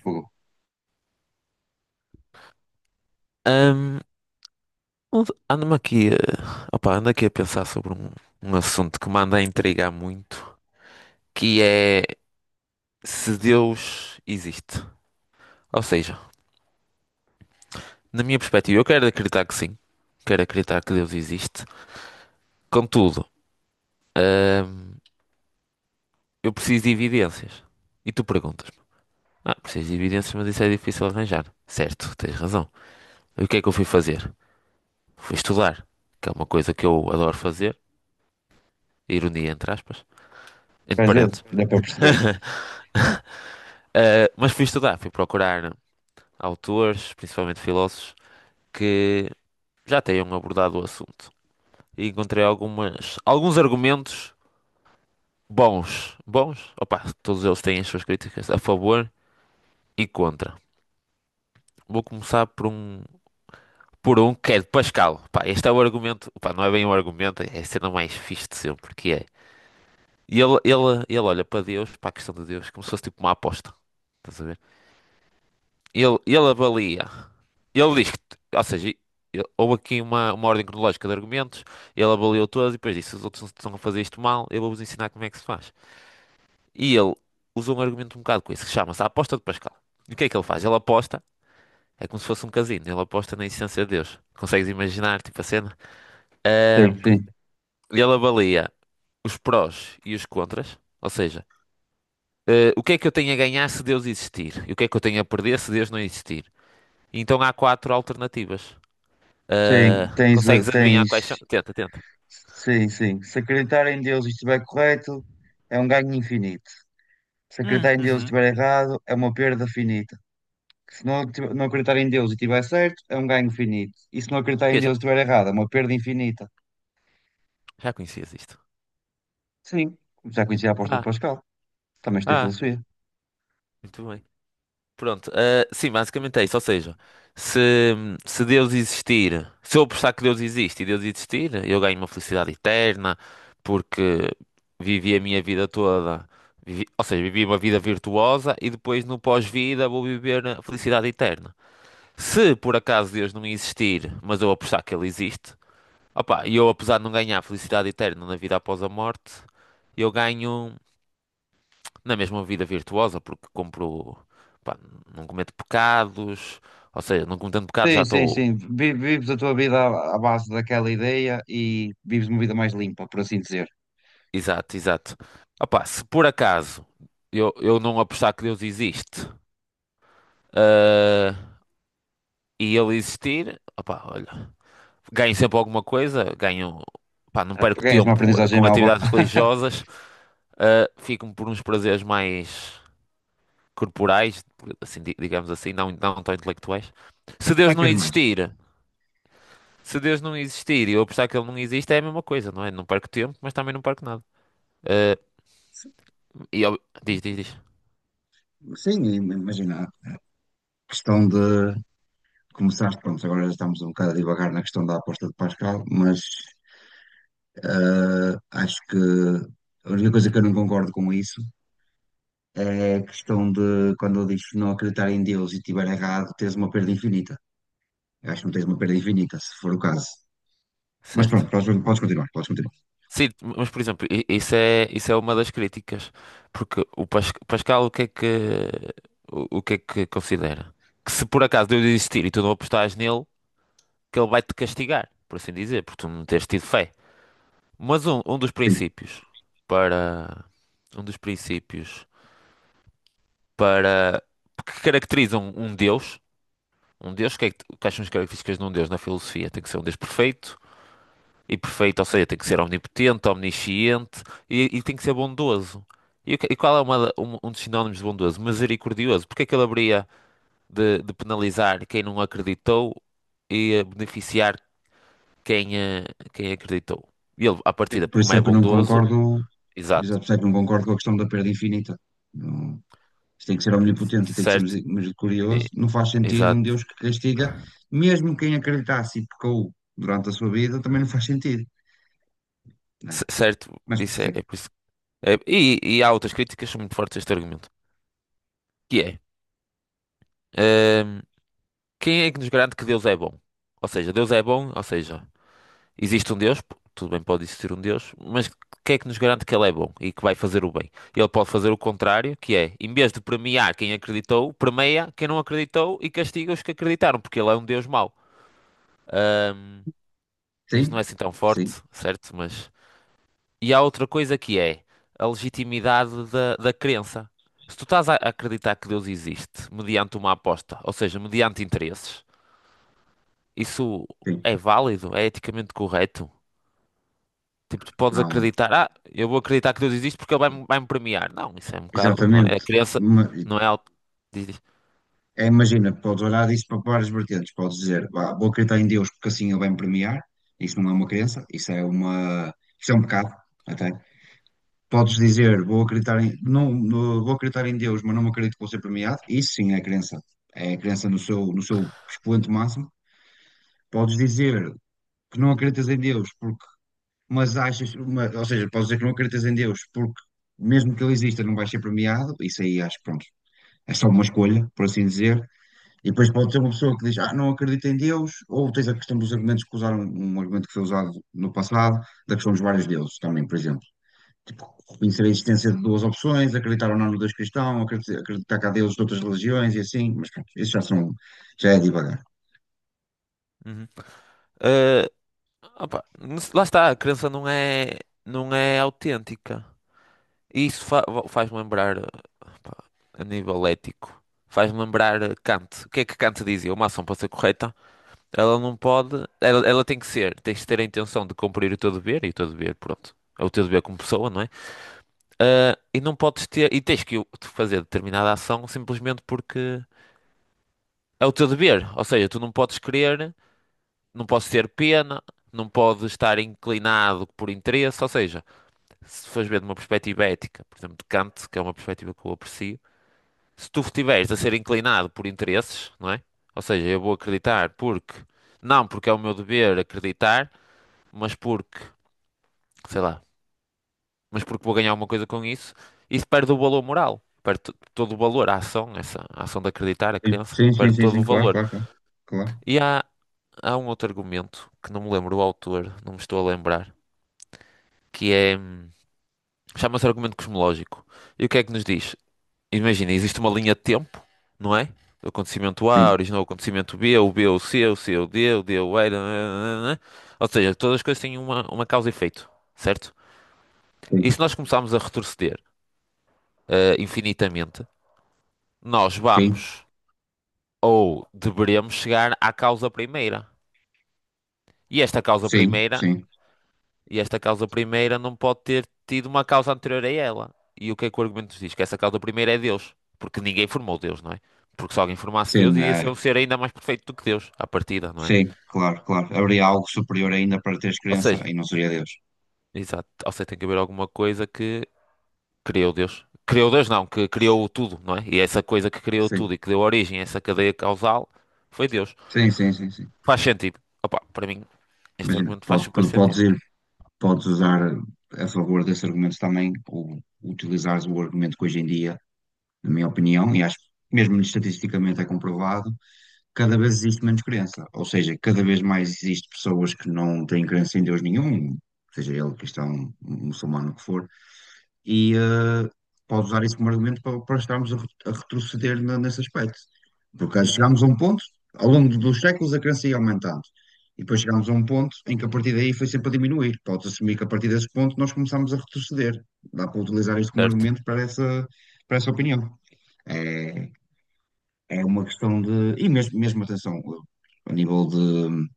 Fogo. Ahm, ando-me aqui, ando aqui a pensar sobre um assunto que me anda a intrigar muito, que é se Deus existe. Ou seja, na minha perspectiva, eu quero acreditar que sim, quero acreditar que Deus existe. Contudo, ahm, eu preciso de evidências. E tu perguntas-me, ah, preciso de evidências, mas isso é difícil arranjar. Certo, tens razão. E o que é que eu fui fazer? Fui estudar, que é uma coisa que eu adoro fazer, ironia entre aspas, entre Quer dizer, parênteses. dá para perceber. Mas fui estudar, fui procurar autores, principalmente filósofos, que já tenham abordado o assunto. E encontrei alguns argumentos bons. Bons? Opa, todos eles têm as suas críticas a favor e contra. Vou começar por um que é de Pascal. Pá, este é o argumento, pá, não é bem um argumento, é a cena mais fixe de sempre, que é. E Ele olha para Deus, para a questão de Deus, como se fosse tipo uma aposta. Estás a ver? Ele avalia. Ele diz que, ou seja, houve aqui uma ordem cronológica de argumentos, ele avaliou todos e depois disse: os outros estão a fazer isto mal, eu vou-vos ensinar como é que se faz. E ele usou um argumento um bocado com isso, que chama-se a aposta de Pascal. E o que é que ele faz? Ele aposta, é como se fosse um casino, ele aposta na existência de Deus. Consegues imaginar, tipo a cena? Sim, Ahm, sim. ele avalia os prós e os contras, ou seja, o que é que eu tenho a ganhar se Deus existir? E o que é que eu tenho a perder se Deus não existir? Então há quatro alternativas. Sim, Ah, tens, eh, consegues adivinhar tens. quais são? Tenta, tenta. Sim, sim. Se acreditar em Deus e estiver correto, é um ganho infinito. Se acreditar em Deus e Uhum. estiver errado, é uma perda finita. Se não, tiv- Não acreditar em Deus e estiver certo, é um ganho finito. E se não acreditar em Ok, Deus e estiver errado, é uma perda infinita. já conhecias isto. Sim, já conheci a aposta de Ah, Pascal. Também estudei ah, filosofia. muito bem. Pronto, ah, sim, basicamente é isso. Ou seja, se, se Deus existir, se eu apostar que Deus existe e Deus existir, eu ganho uma felicidade eterna porque vivi a minha vida toda, ou seja, vivi uma vida virtuosa e depois no pós-vida vou viver a felicidade eterna. Se por acaso Deus não existir, mas eu apostar que ele existe. Opa, e eu apesar de não ganhar felicidade eterna na vida após a morte, eu ganho na mesma vida virtuosa, porque compro, pá, não cometo pecados, ou seja, não cometendo pecados já Sim, sim, estou. sim. Vives a tua vida à base daquela ideia e vives uma vida mais limpa, por assim dizer. Exato, exato. Opa, se por acaso eu não apostar que Deus existe, ah, e ele existir, opa, olha, ganho sempre alguma coisa, ganho, pá, não Ah, perco ganhas uma tempo aprendizagem com nova. atividades religiosas, ah, fico por uns prazeres mais corporais, assim, digamos assim, não tão intelectuais. Se Deus Para que não és mais? existir, se Deus não existir e eu apostar que ele não existe, é a mesma coisa, não é? Não perco tempo, mas também não perco nada. Eh, Sim, e, diz, diz, sim. diz. Sim, e imagina, a questão de começar, pronto, agora já estamos um bocado a divagar na questão da aposta de Pascal, mas acho que a única coisa que eu não concordo com isso é a questão de quando ele diz não acreditar em Deus e estiver errado, tens uma perda infinita. Eu acho que não tens uma perda infinita, se for o caso. Mas pronto, Certo. podes continuar, podes continuar. Sim, mas por exemplo, isso é uma das críticas, porque o Pascal, o que é que, o que é que considera? Que se por acaso Deus existir e tu não apostares nele, que ele vai-te castigar, por assim dizer, porque tu não tens tido fé. Mas um dos princípios para um dos princípios para que caracterizam um Deus, que é que, quais são as características de um Deus na filosofia? Tem que ser um Deus perfeito, e perfeito, ou seja, tem que ser omnipotente, omnisciente e tem que ser bondoso. E, e qual é um dos sinónimos de bondoso? Misericordioso. Porque é que ele haveria de penalizar quem não acreditou e beneficiar quem, quem acreditou? E ele, à partida, Por como isso é é que eu não bondoso, concordo, exato, exato, por isso é que não concordo com a questão da perda infinita. Não, isto tem que ser omnipotente, tem que ser certo? E- misericordioso. Não faz sentido Exato, um Deus que castiga, mesmo quem acreditasse e pecou durante a sua vida, também não faz sentido, não é? Certo, Mas isso é, sim, é por isso. E, e há outras críticas que são muito fortes a este argumento, que é, ehm, quem é que nos garante que Deus é bom? Ou seja, Deus é bom, ou seja, existe um Deus, tudo bem, pode existir um Deus, mas quem é que nos garante que ele é bom e que vai fazer o bem? Ele pode fazer o contrário, que é, em vez de premiar quem acreditou, premia quem não acreditou e castiga os que acreditaram, porque ele é um Deus mau. Ehm, este não é sim, assim tão sim, forte, certo? Mas e há outra coisa que é a legitimidade da crença. Se tu estás a acreditar que Deus existe mediante uma aposta, ou seja, mediante interesses, isso sim. é válido? É eticamente correto? Tipo, tu podes Não, acreditar, ah, eu vou acreditar que Deus existe porque ele vai-me premiar. Não, isso é um bocado, não é? A exatamente. crença Ma- não é algo. Diz, diz. É, imagina, podes olhar disso para várias vertentes, podes dizer, "Vá, vou acreditar em Deus porque assim ele vai me premiar." Isso não é uma crença, isso é um pecado. Até podes dizer, vou acreditar em Deus, mas não acredito que vou ser premiado. Isso sim é crença. É a crença no seu, no seu expoente máximo. Podes dizer que não acreditas em Deus, porque, mas achas, mas- ou seja, podes dizer que não acreditas em Deus, porque mesmo que ele exista, não vais ser premiado. Isso aí acho que pronto. É só uma escolha, por assim dizer. E depois pode ter uma pessoa que diz, ah, não acredito em Deus, ou tens a questão dos argumentos que usaram, um argumento que foi usado no passado, da questão dos vários deuses também, por exemplo, tipo, reconhecer a existência de duas opções, acreditar ou não no Deus cristão, acreditar que há deuses de outras religiões e assim, mas pronto, isso já são, já é divagar. Uhum. Eh, opa, lá está, a crença não é, não é autêntica. E isso faz-me lembrar pá, a nível ético. Faz-me lembrar Kant. O que é que Kant dizia? Uma ação para ser correta, ela não pode. Ela tem que ser. Tens de ter a intenção de cumprir o teu dever, e o teu dever, pronto. É o teu dever como pessoa, não é? Ah, e não podes ter. E tens que fazer determinada ação simplesmente porque é o teu dever. Ou seja, tu não podes querer, não podes ter pena, não podes estar inclinado por interesse. Ou seja, se fores ver de uma perspectiva ética, por exemplo, de Kant, que é uma perspectiva que eu aprecio. Se tu estiveres a ser inclinado por interesses, não é? Ou seja, eu vou acreditar porque, não porque é o meu dever acreditar, mas porque, sei lá, mas porque vou ganhar alguma coisa com isso, isso perde o valor moral. Perde todo o valor, a ação, essa a ação de acreditar, a Sim, crença, sim, sim, perde sim, todo sim, o claro, valor. claro, claro, claro. E há um outro argumento que não me lembro o autor, não me estou a lembrar, que é, chama-se argumento cosmológico. E o que é que nos diz? Imagina, existe uma linha de tempo, não é? Do acontecimento A Sim, originou o acontecimento B, o B o C, o C o D, o D o E, nananana. Ou seja, todas as coisas têm uma causa e efeito, certo? E sim, se nós começarmos a retroceder infinitamente, nós sim, vamos ou deveremos chegar à causa primeira. E esta causa sim, primeira sim, E esta causa primeira não pode ter tido uma causa anterior a ela. E o que é que o argumento nos diz? Que essa causa primeira é Deus. Porque ninguém formou Deus, não é? Porque se alguém formasse Deus, sim, ia ser um ser ainda mais perfeito do que Deus, à partida, não é? sim, claro, claro. Haveria algo superior ainda para teres Ou crença seja, e não seria Deus. exato. Ou seja, tem que haver alguma coisa que criou Deus. Criou Deus, não, que criou tudo, não é? E essa coisa que criou Sim, tudo e que deu origem a essa cadeia causal foi Deus. sim, sim, sim, sim. Faz sentido. Opa, para mim, este Imagina, argumento faz super podes sentido. ir, podes usar a favor desse argumento também, ou utilizares o argumento que hoje em dia, na minha opinião, e acho que mesmo estatisticamente é comprovado, cada vez existe menos crença. Ou seja, cada vez mais existe pessoas que não têm crença em Deus nenhum, seja ele cristão, muçulmano, o que for, e pode usar isso como argumento para, para estarmos a, a retroceder nesse aspecto. Porque Uhum. chegámos a um ponto, ao longo dos séculos, a crença ia aumentando. E depois chegámos a um ponto em que a partir daí foi sempre a diminuir. Podes assumir que a partir desse ponto nós começámos a retroceder. Dá para utilizar isto como argumento Certo, para essa opinião. É, é uma questão de. E mesmo, mesmo atenção, a nível de.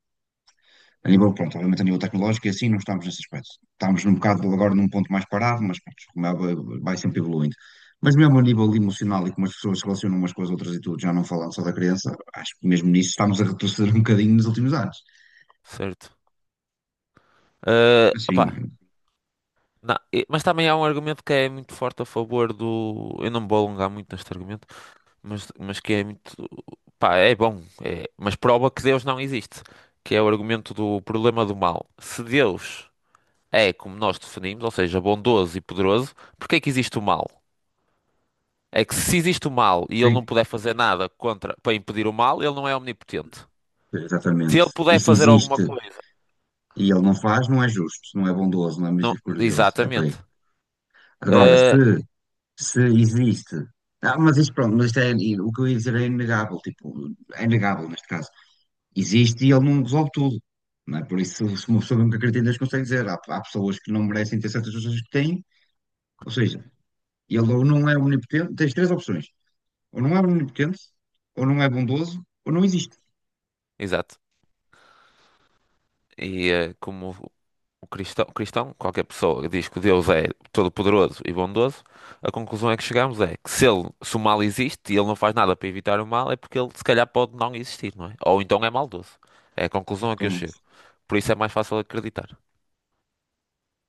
A nível, pronto, obviamente a nível tecnológico e assim não estamos nesse aspecto. Estamos num bocado agora num ponto mais parado, mas pronto, como é, vai sempre evoluindo. Mas mesmo a nível emocional e como as pessoas se relacionam umas com as outras e tudo, já não falando só da criança, acho que mesmo nisso estamos a retroceder um bocadinho nos últimos anos. certo. Ah, Assim, opá, não, mas também há um argumento que é muito forte a favor do. Eu não me vou alongar muito neste argumento, mas que é muito. Pá, é bom, mas prova que Deus não existe, que é o argumento do problema do mal. Se Deus é como nós definimos, ou seja, bondoso e poderoso, porque é que existe o mal? É que se existe o mal e ele não sim, puder fazer nada contra para impedir o mal, ele não é omnipotente. Se exatamente. ele E puder se fazer alguma existe coisa, e ele não faz, não é justo, não é bondoso, não é não, misericordioso, é por aí. exatamente. Agora, Ah, se existe. Não, mas isto, pronto, mas isto é, o que eu ia dizer é inegável, tipo, é inegável neste caso. Existe e ele não resolve tudo, não é? Por isso, se uma pessoa mesmo que acredita, eles conseguem dizer, há, há pessoas que não merecem ter certas coisas que têm, ou seja, ele ou não é onipotente, tens três opções, ou não é onipotente, ou não é bondoso, ou não existe, exato. E como o cristão, o cristão, qualquer pessoa que diz que Deus é todo-poderoso e bondoso, a conclusão é que chegamos é que se, ele, se o mal existe e ele não faz nada para evitar o mal, é porque ele se calhar pode não existir, não é? Ou então é maldoso. É a conclusão a que eu pelo chego. menos. Por isso é mais fácil acreditar.